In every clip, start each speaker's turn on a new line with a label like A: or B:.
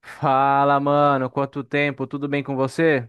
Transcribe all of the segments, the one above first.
A: Fala, mano, quanto tempo? Tudo bem com você?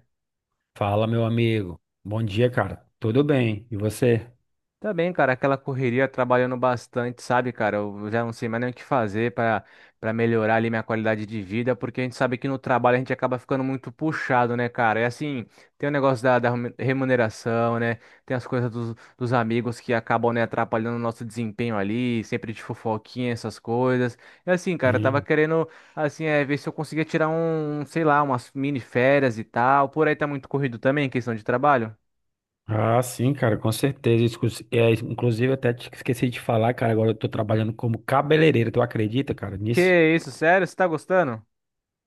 B: Fala, meu amigo. Bom dia, cara. Tudo bem? E você?
A: Tá bem, cara, aquela correria trabalhando bastante, sabe, cara? Eu já não sei mais nem o que fazer para melhorar ali minha qualidade de vida, porque a gente sabe que no trabalho a gente acaba ficando muito puxado, né, cara? É assim, tem o negócio da remuneração, né? Tem as coisas dos amigos que acabam, né, atrapalhando o nosso desempenho ali, sempre de fofoquinha, essas coisas. É assim, cara, eu tava
B: Sim.
A: querendo, assim, ver se eu conseguia tirar sei lá, umas mini férias e tal. Por aí tá muito corrido também, questão de trabalho.
B: Ah, sim, cara, com certeza. É, inclusive, eu até te esqueci de falar, cara. Agora eu tô trabalhando como cabeleireiro. Tu acredita, cara, nisso?
A: Que isso, sério? Você tá gostando?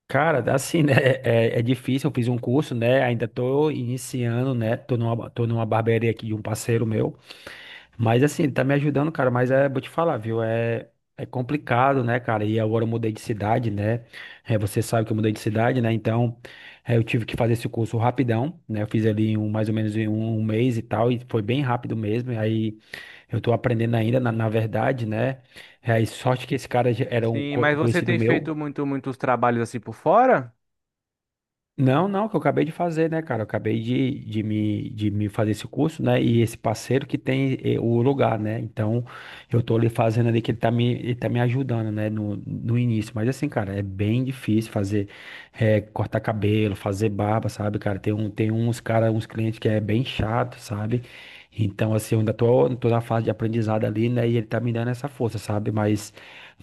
B: Cara, assim, né? É difícil. Eu fiz um curso, né? Ainda tô iniciando, né? Tô numa barbearia aqui de um parceiro meu. Mas assim, ele tá me ajudando, cara, mas é, vou te falar, viu? É complicado, né, cara? E agora eu mudei de cidade, né? É, você sabe que eu mudei de cidade, né? Então, é, eu tive que fazer esse curso rapidão, né? Eu fiz ali mais ou menos em um mês e tal, e foi bem rápido mesmo. E aí eu tô aprendendo ainda, na verdade, né? É, e sorte que esse cara já era um
A: Sim,
B: co-
A: mas
B: um
A: você
B: conhecido
A: tem
B: meu.
A: feito muitos trabalhos assim por fora?
B: Não, não, que eu acabei de fazer, né, cara? Eu acabei de me fazer esse curso, né? E esse parceiro que tem o lugar, né? Então, eu tô ali fazendo ali que ele tá me ajudando, né? No início. Mas assim, cara, é bem difícil fazer, cortar cabelo, fazer barba, sabe, cara? Tem uns clientes que é bem chato, sabe? Então, assim, eu ainda tô na fase de aprendizado ali, né? E ele tá me dando essa força, sabe? Mas,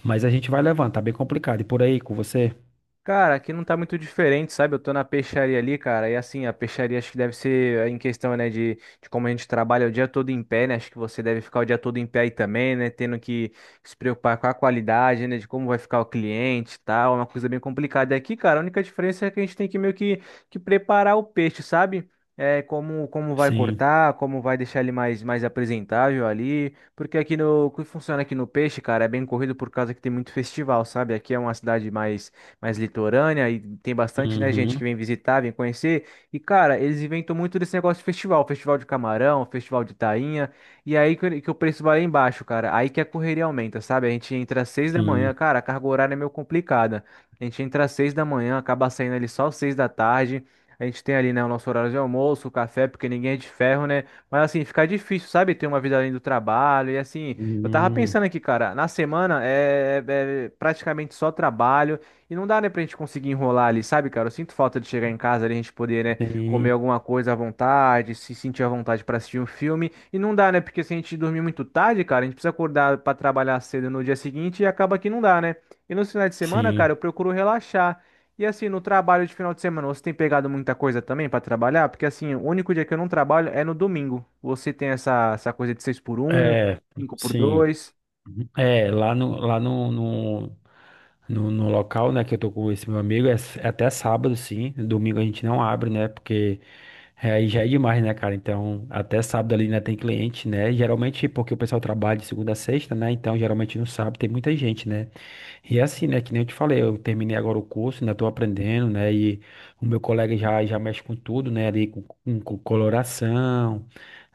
B: mas a gente vai levando, tá bem complicado. E por aí, com você?
A: Cara, aqui não tá muito diferente, sabe? Eu tô na peixaria ali, cara, e assim, a peixaria acho que deve ser em questão, né, de como a gente trabalha o dia todo em pé, né? Acho que você deve ficar o dia todo em pé aí também, né? Tendo que se preocupar com a qualidade, né? De como vai ficar o cliente e tal, é uma coisa bem complicada. E aqui, cara, a única diferença é que a gente tem que meio que preparar o peixe, sabe? É, como vai
B: Sim.
A: cortar, como vai deixar ele mais, mais apresentável ali. Porque aqui no, o que funciona aqui no peixe, cara, é bem corrido por causa que tem muito festival, sabe? Aqui é uma cidade mais litorânea e tem bastante, né, gente
B: Uhum,
A: que vem visitar, vem conhecer. E, cara, eles inventam muito desse negócio de festival, festival de camarão, festival de tainha. E aí que o preço vai lá embaixo, cara. Aí que a correria aumenta, sabe? A gente entra às seis da manhã,
B: sim.
A: cara, a carga horária é meio complicada. A gente entra às seis da manhã, acaba saindo ali só às seis da tarde. A gente tem ali, né, o nosso horário de almoço, o café, porque ninguém é de ferro, né? Mas assim, fica difícil, sabe? Ter uma vida além do trabalho. E assim, eu tava
B: Hum,
A: pensando aqui, cara, na semana é praticamente só trabalho. E não dá, né, pra gente conseguir enrolar ali, sabe, cara? Eu sinto falta de chegar em casa ali, a gente poder, né, comer
B: sim,
A: alguma coisa à vontade, se sentir à vontade pra assistir um filme. E não dá, né? Porque se a gente dormir muito tarde, cara, a gente precisa acordar pra trabalhar cedo no dia seguinte e acaba que não dá, né? E nos finais de semana, cara,
B: sim.
A: eu procuro relaxar. E assim, no trabalho de final de semana, você tem pegado muita coisa também pra trabalhar? Porque assim, o único dia que eu não trabalho é no domingo. Você tem essa, essa coisa de 6 por um,
B: É,
A: 5 por
B: sim.
A: 2.
B: É, lá no local, né, que eu tô com esse meu amigo, é até sábado, sim. Domingo a gente não abre, né, porque é, aí já é demais, né, cara? Então, até sábado ali ainda tem cliente, né? Geralmente, porque o pessoal trabalha de segunda a sexta, né? Então, geralmente no sábado tem muita gente, né? E é assim, né? Que nem eu te falei, eu terminei agora o curso, ainda estou aprendendo, né? E o meu colega já mexe com tudo, né? Ali com coloração,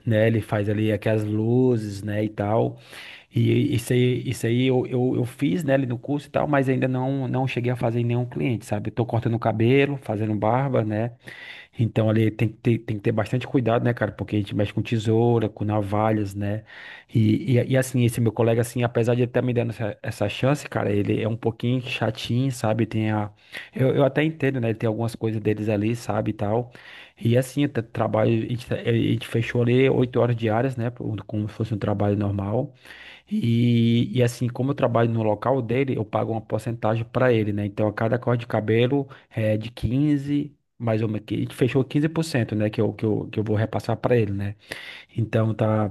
B: né? Ele faz ali aquelas luzes, né? E tal. E isso aí eu fiz, né? Ali no curso e tal, mas ainda não cheguei a fazer em nenhum cliente, sabe? Eu tô cortando cabelo, fazendo barba, né? Então ali tem que ter bastante cuidado, né, cara? Porque a gente mexe com tesoura, com navalhas, né? E, assim, esse meu colega, assim, apesar de ele estar me dando essa chance, cara, ele é um pouquinho chatinho, sabe? Tem a. Eu até entendo, né? Ele tem algumas coisas deles ali, sabe, e tal. E assim, o trabalho, a gente fechou ali 8 horas diárias, né? Como se fosse um trabalho normal. E assim, como eu trabalho no local dele, eu pago uma porcentagem para ele, né? Então, a cada corte de cabelo é de 15 mais ou menos, que a gente fechou 15%, né? Que eu vou repassar para ele, né? Então,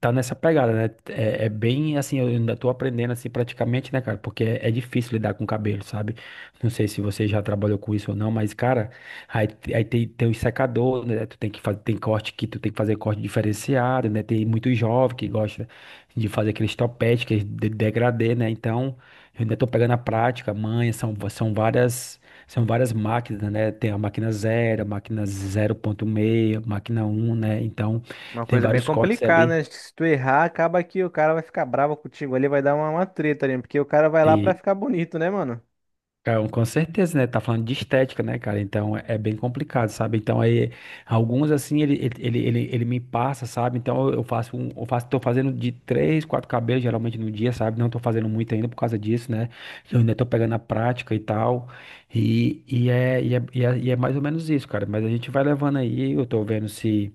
B: tá nessa pegada, né? É bem assim, eu ainda tô aprendendo assim praticamente, né, cara? Porque é difícil lidar com cabelo, sabe? Não sei se você já trabalhou com isso ou não, mas, cara, aí tem o secador, né? Tu tem que fazer, tem corte que tu tem que fazer corte diferenciado, né? Tem muito jovem que gosta de fazer aqueles topete, que é de degradê, né? Então, eu ainda tô pegando a prática, manha, são várias. São várias máquinas, né? Tem a máquina zero, a máquina 0.6, máquina um, né? Então,
A: Uma
B: tem
A: coisa bem
B: vários cortes
A: complicada,
B: ali.
A: né? Acho que se tu errar, acaba que o cara vai ficar bravo contigo ali, vai dar uma treta ali, porque o cara vai lá pra
B: E,
A: ficar bonito, né, mano?
B: cara, com certeza, né? Tá falando de estética, né, cara? Então é bem complicado, sabe? Então aí, alguns assim, ele me passa, sabe? Então eu faço um, tô fazendo de três, quatro cabelos geralmente no dia, sabe? Não tô fazendo muito ainda por causa disso, né? Eu ainda tô pegando a prática e tal. E é mais ou menos isso, cara. Mas a gente vai levando aí, eu tô vendo se,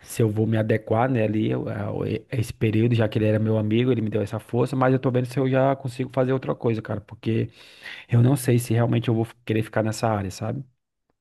B: eu vou me adequar, né, ali, a esse período, já que ele era meu amigo, ele me deu essa força, mas eu tô vendo se eu já consigo fazer outra coisa, cara, porque. Eu não sei se realmente eu vou querer ficar nessa área, sabe?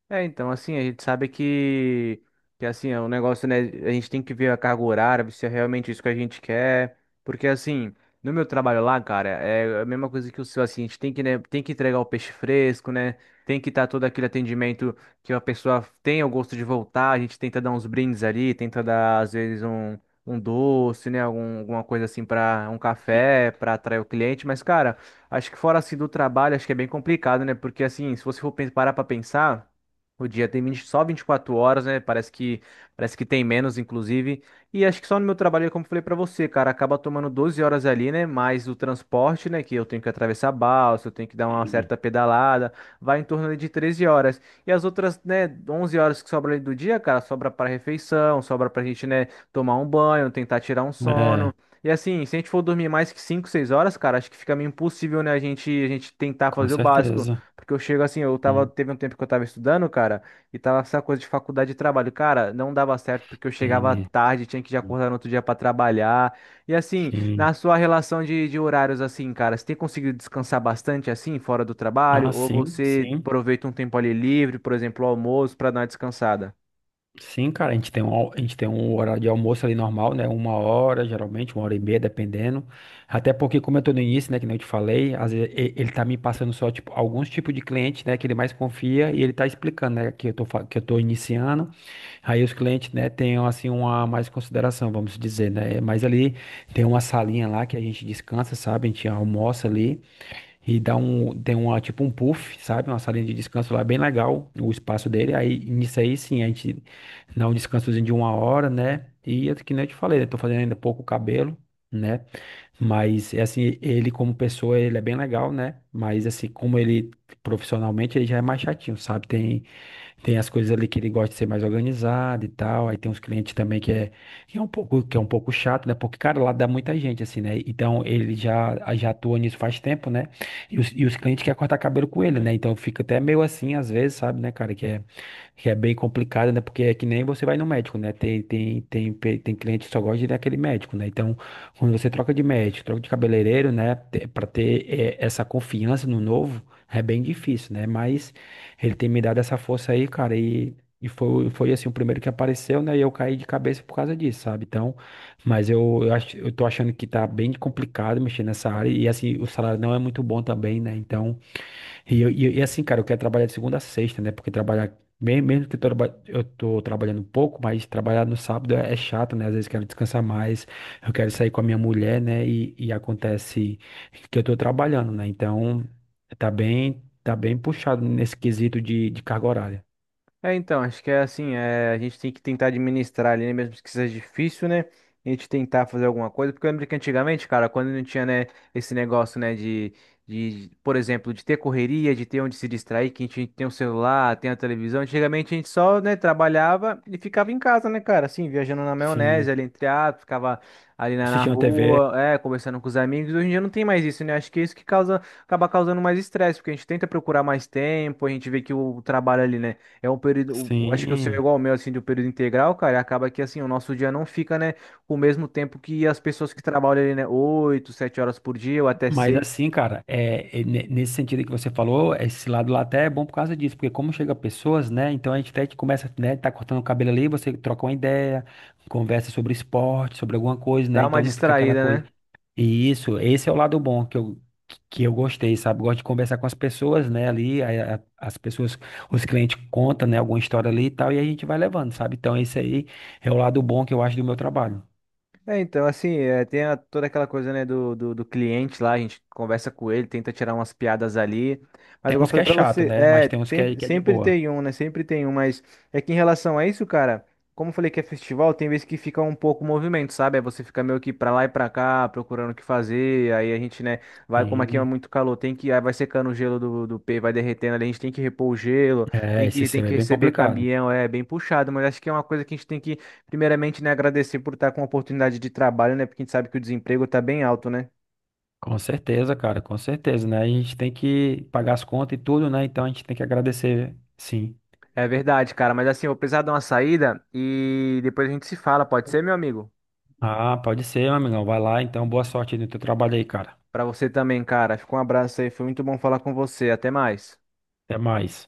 A: É, então, assim, a gente sabe que assim, é um negócio, né? A gente tem que ver a carga horária, ver se é realmente isso que a gente quer. Porque, assim, no meu trabalho lá, cara, é a mesma coisa que o seu, assim, a gente tem que, né, tem que entregar o peixe fresco, né? Tem que estar todo aquele atendimento que a pessoa tenha o gosto de voltar. A gente tenta dar uns brindes ali, tenta dar, às vezes, um doce, né? Algum, alguma coisa assim para um
B: Sim,
A: café, para atrair o cliente. Mas, cara, acho que fora assim do trabalho, acho que é bem complicado, né? Porque, assim, se você for parar pra pensar. O dia tem só 24 horas, né? Parece que tem menos, inclusive. E acho que só no meu trabalho, como eu falei pra você, cara, acaba tomando 12 horas ali, né? Mais o transporte, né? Que eu tenho que atravessar a balsa, eu tenho que dar uma
B: sim.
A: certa pedalada, vai em torno ali de 13 horas. E as outras, né, 11 horas que sobra ali do dia, cara, sobra pra refeição, sobra pra gente, né, tomar um banho, tentar tirar um sono.
B: É,
A: E assim, se a gente for dormir mais que 5, 6 horas, cara, acho que fica meio impossível, né, a gente tentar
B: com
A: fazer o básico.
B: certeza.
A: Porque eu chego assim, eu tava,
B: Sim,
A: teve um tempo que eu tava estudando, cara, e tava essa coisa de faculdade e trabalho. Cara, não dava certo porque eu chegava
B: sim,
A: tarde, tinha que já acordar no outro dia pra trabalhar. E assim,
B: sim.
A: na sua relação de horários, assim, cara, você tem conseguido descansar bastante assim, fora do
B: Ah,
A: trabalho? Ou
B: sim,
A: você
B: sim.
A: aproveita um tempo ali livre, por exemplo, o almoço, pra dar uma descansada?
B: Sim, cara, a gente tem um horário de almoço ali normal, né? Uma hora, geralmente, uma hora e meia, dependendo. Até porque, como eu tô no início, né, que nem eu te falei, às vezes ele tá me passando só, tipo, alguns tipos de cliente, né, que ele mais confia e ele tá explicando, né, que eu tô iniciando. Aí os clientes, né, tenham assim uma mais consideração, vamos dizer, né? Mas ali tem uma salinha lá que a gente descansa, sabe? A gente almoça ali e tem uma tipo um puff, sabe? Uma salinha de descanso lá bem legal, o espaço dele. Aí nisso aí sim, a gente dá um descansozinho de uma hora, né? E é que nem eu te falei, eu tô fazendo ainda pouco cabelo, né? Mas é assim, ele como pessoa, ele é bem legal, né? Mas assim, como ele profissionalmente, ele já é mais chatinho, sabe? Tem as coisas ali que ele gosta de ser mais organizado e tal. Aí tem uns clientes também que é um pouco chato, né? Porque, cara, lá dá muita gente, assim, né? Então ele já atua nisso faz tempo, né? E os clientes querem cortar cabelo com ele, né? Então fica até meio assim, às vezes, sabe, né, cara? Que é bem complicado, né? Porque é que nem você vai no médico, né? Tem cliente que só gosta de ir naquele médico, né? Então, quando você troca de médico, troca de cabeleireiro, né? Pra ter, essa confiança no novo, é bem difícil, né? Mas. Ele tem me dado essa força aí, cara, e foi assim o primeiro que apareceu, né? E eu caí de cabeça por causa disso, sabe? Então, mas eu tô achando que tá bem complicado mexer nessa área, e assim, o salário não é muito bom também, né? Então. E, assim, cara, eu quero trabalhar de segunda a sexta, né? Porque trabalhar, mesmo que eu tô trabalhando um pouco, mas trabalhar no sábado é chato, né? Às vezes quero descansar mais, eu quero sair com a minha mulher, né? E acontece que eu tô trabalhando, né? Então, tá bem puxado nesse quesito de carga horária.
A: É, então, acho que é assim, a gente tem que tentar administrar ali, né, mesmo que seja difícil, né? A gente tentar fazer alguma coisa, porque eu lembro que antigamente, cara, quando não tinha, né, esse negócio, né, por exemplo, de ter correria, de ter onde se distrair, que a gente tem o celular, tem a televisão, antigamente a gente só, né, trabalhava e ficava em casa, né, cara, assim, viajando na maionese,
B: Sim.
A: ali entre atos, ficava ali na
B: Assistindo a TV,
A: rua, conversando com os amigos, hoje em dia não tem mais isso, né, acho que é isso que causa, acaba causando mais estresse, porque a gente tenta procurar mais tempo, a gente vê que o trabalho ali, né, é um período, acho que o seu é
B: sim.
A: igual ao meu, assim, de um período integral, cara, e acaba que, assim, o nosso dia não fica, né, com o mesmo tempo que as pessoas que trabalham ali, né, oito, sete horas por dia, ou até
B: Mas
A: seis,
B: assim, cara, nesse sentido que você falou, esse lado lá até é bom por causa disso, porque como chega pessoas, né? Então a gente até que começa, né? Tá cortando o cabelo ali, você troca uma ideia, conversa sobre esporte, sobre alguma coisa, né?
A: dá uma
B: Então não fica aquela
A: distraída,
B: coisa.
A: né?
B: E isso, esse é o lado bom que eu gostei, sabe? Gosto de conversar com as pessoas, né? Ali, aí as pessoas, os clientes contam, né? Alguma história ali e tal, e a gente vai levando, sabe? Então esse aí é o lado bom que eu acho do meu trabalho.
A: É, então, assim, tem toda aquela coisa, né, do cliente lá, a gente conversa com ele, tenta tirar umas piadas ali, mas
B: Tem
A: igual eu
B: uns que
A: falei
B: é
A: pra
B: chato,
A: você,
B: né? Mas tem uns que é, que é de
A: sempre
B: boa.
A: tem um, né, sempre tem um, mas é que em relação a isso, cara, como eu falei que é festival, tem vezes que fica um pouco movimento, sabe? Aí você fica meio que pra lá e pra cá, procurando o que fazer, aí a gente, né, vai, como aqui é
B: Sim.
A: muito calor, tem que, aí vai secando o gelo do pé, vai derretendo ali, a gente tem que repor o gelo,
B: É, esse
A: tem
B: sistema
A: que
B: é bem
A: receber
B: complicado.
A: caminhão, é bem puxado, mas acho que é uma coisa que a gente tem que. Primeiramente, né, agradecer por estar com a oportunidade de trabalho, né? Porque a gente sabe que o desemprego tá bem alto, né?
B: Com certeza, cara, com certeza, né? A gente tem que pagar as contas e tudo, né? Então a gente tem que agradecer, sim.
A: É verdade, cara, mas assim, eu vou precisar dar uma saída e depois a gente se fala, pode ser, meu amigo?
B: Ah, pode ser, meu amigão. Vai lá, então. Boa sorte aí no teu trabalho aí, cara.
A: Pra você também, cara. Fica um abraço aí, foi muito bom falar com você. Até mais.
B: Até mais.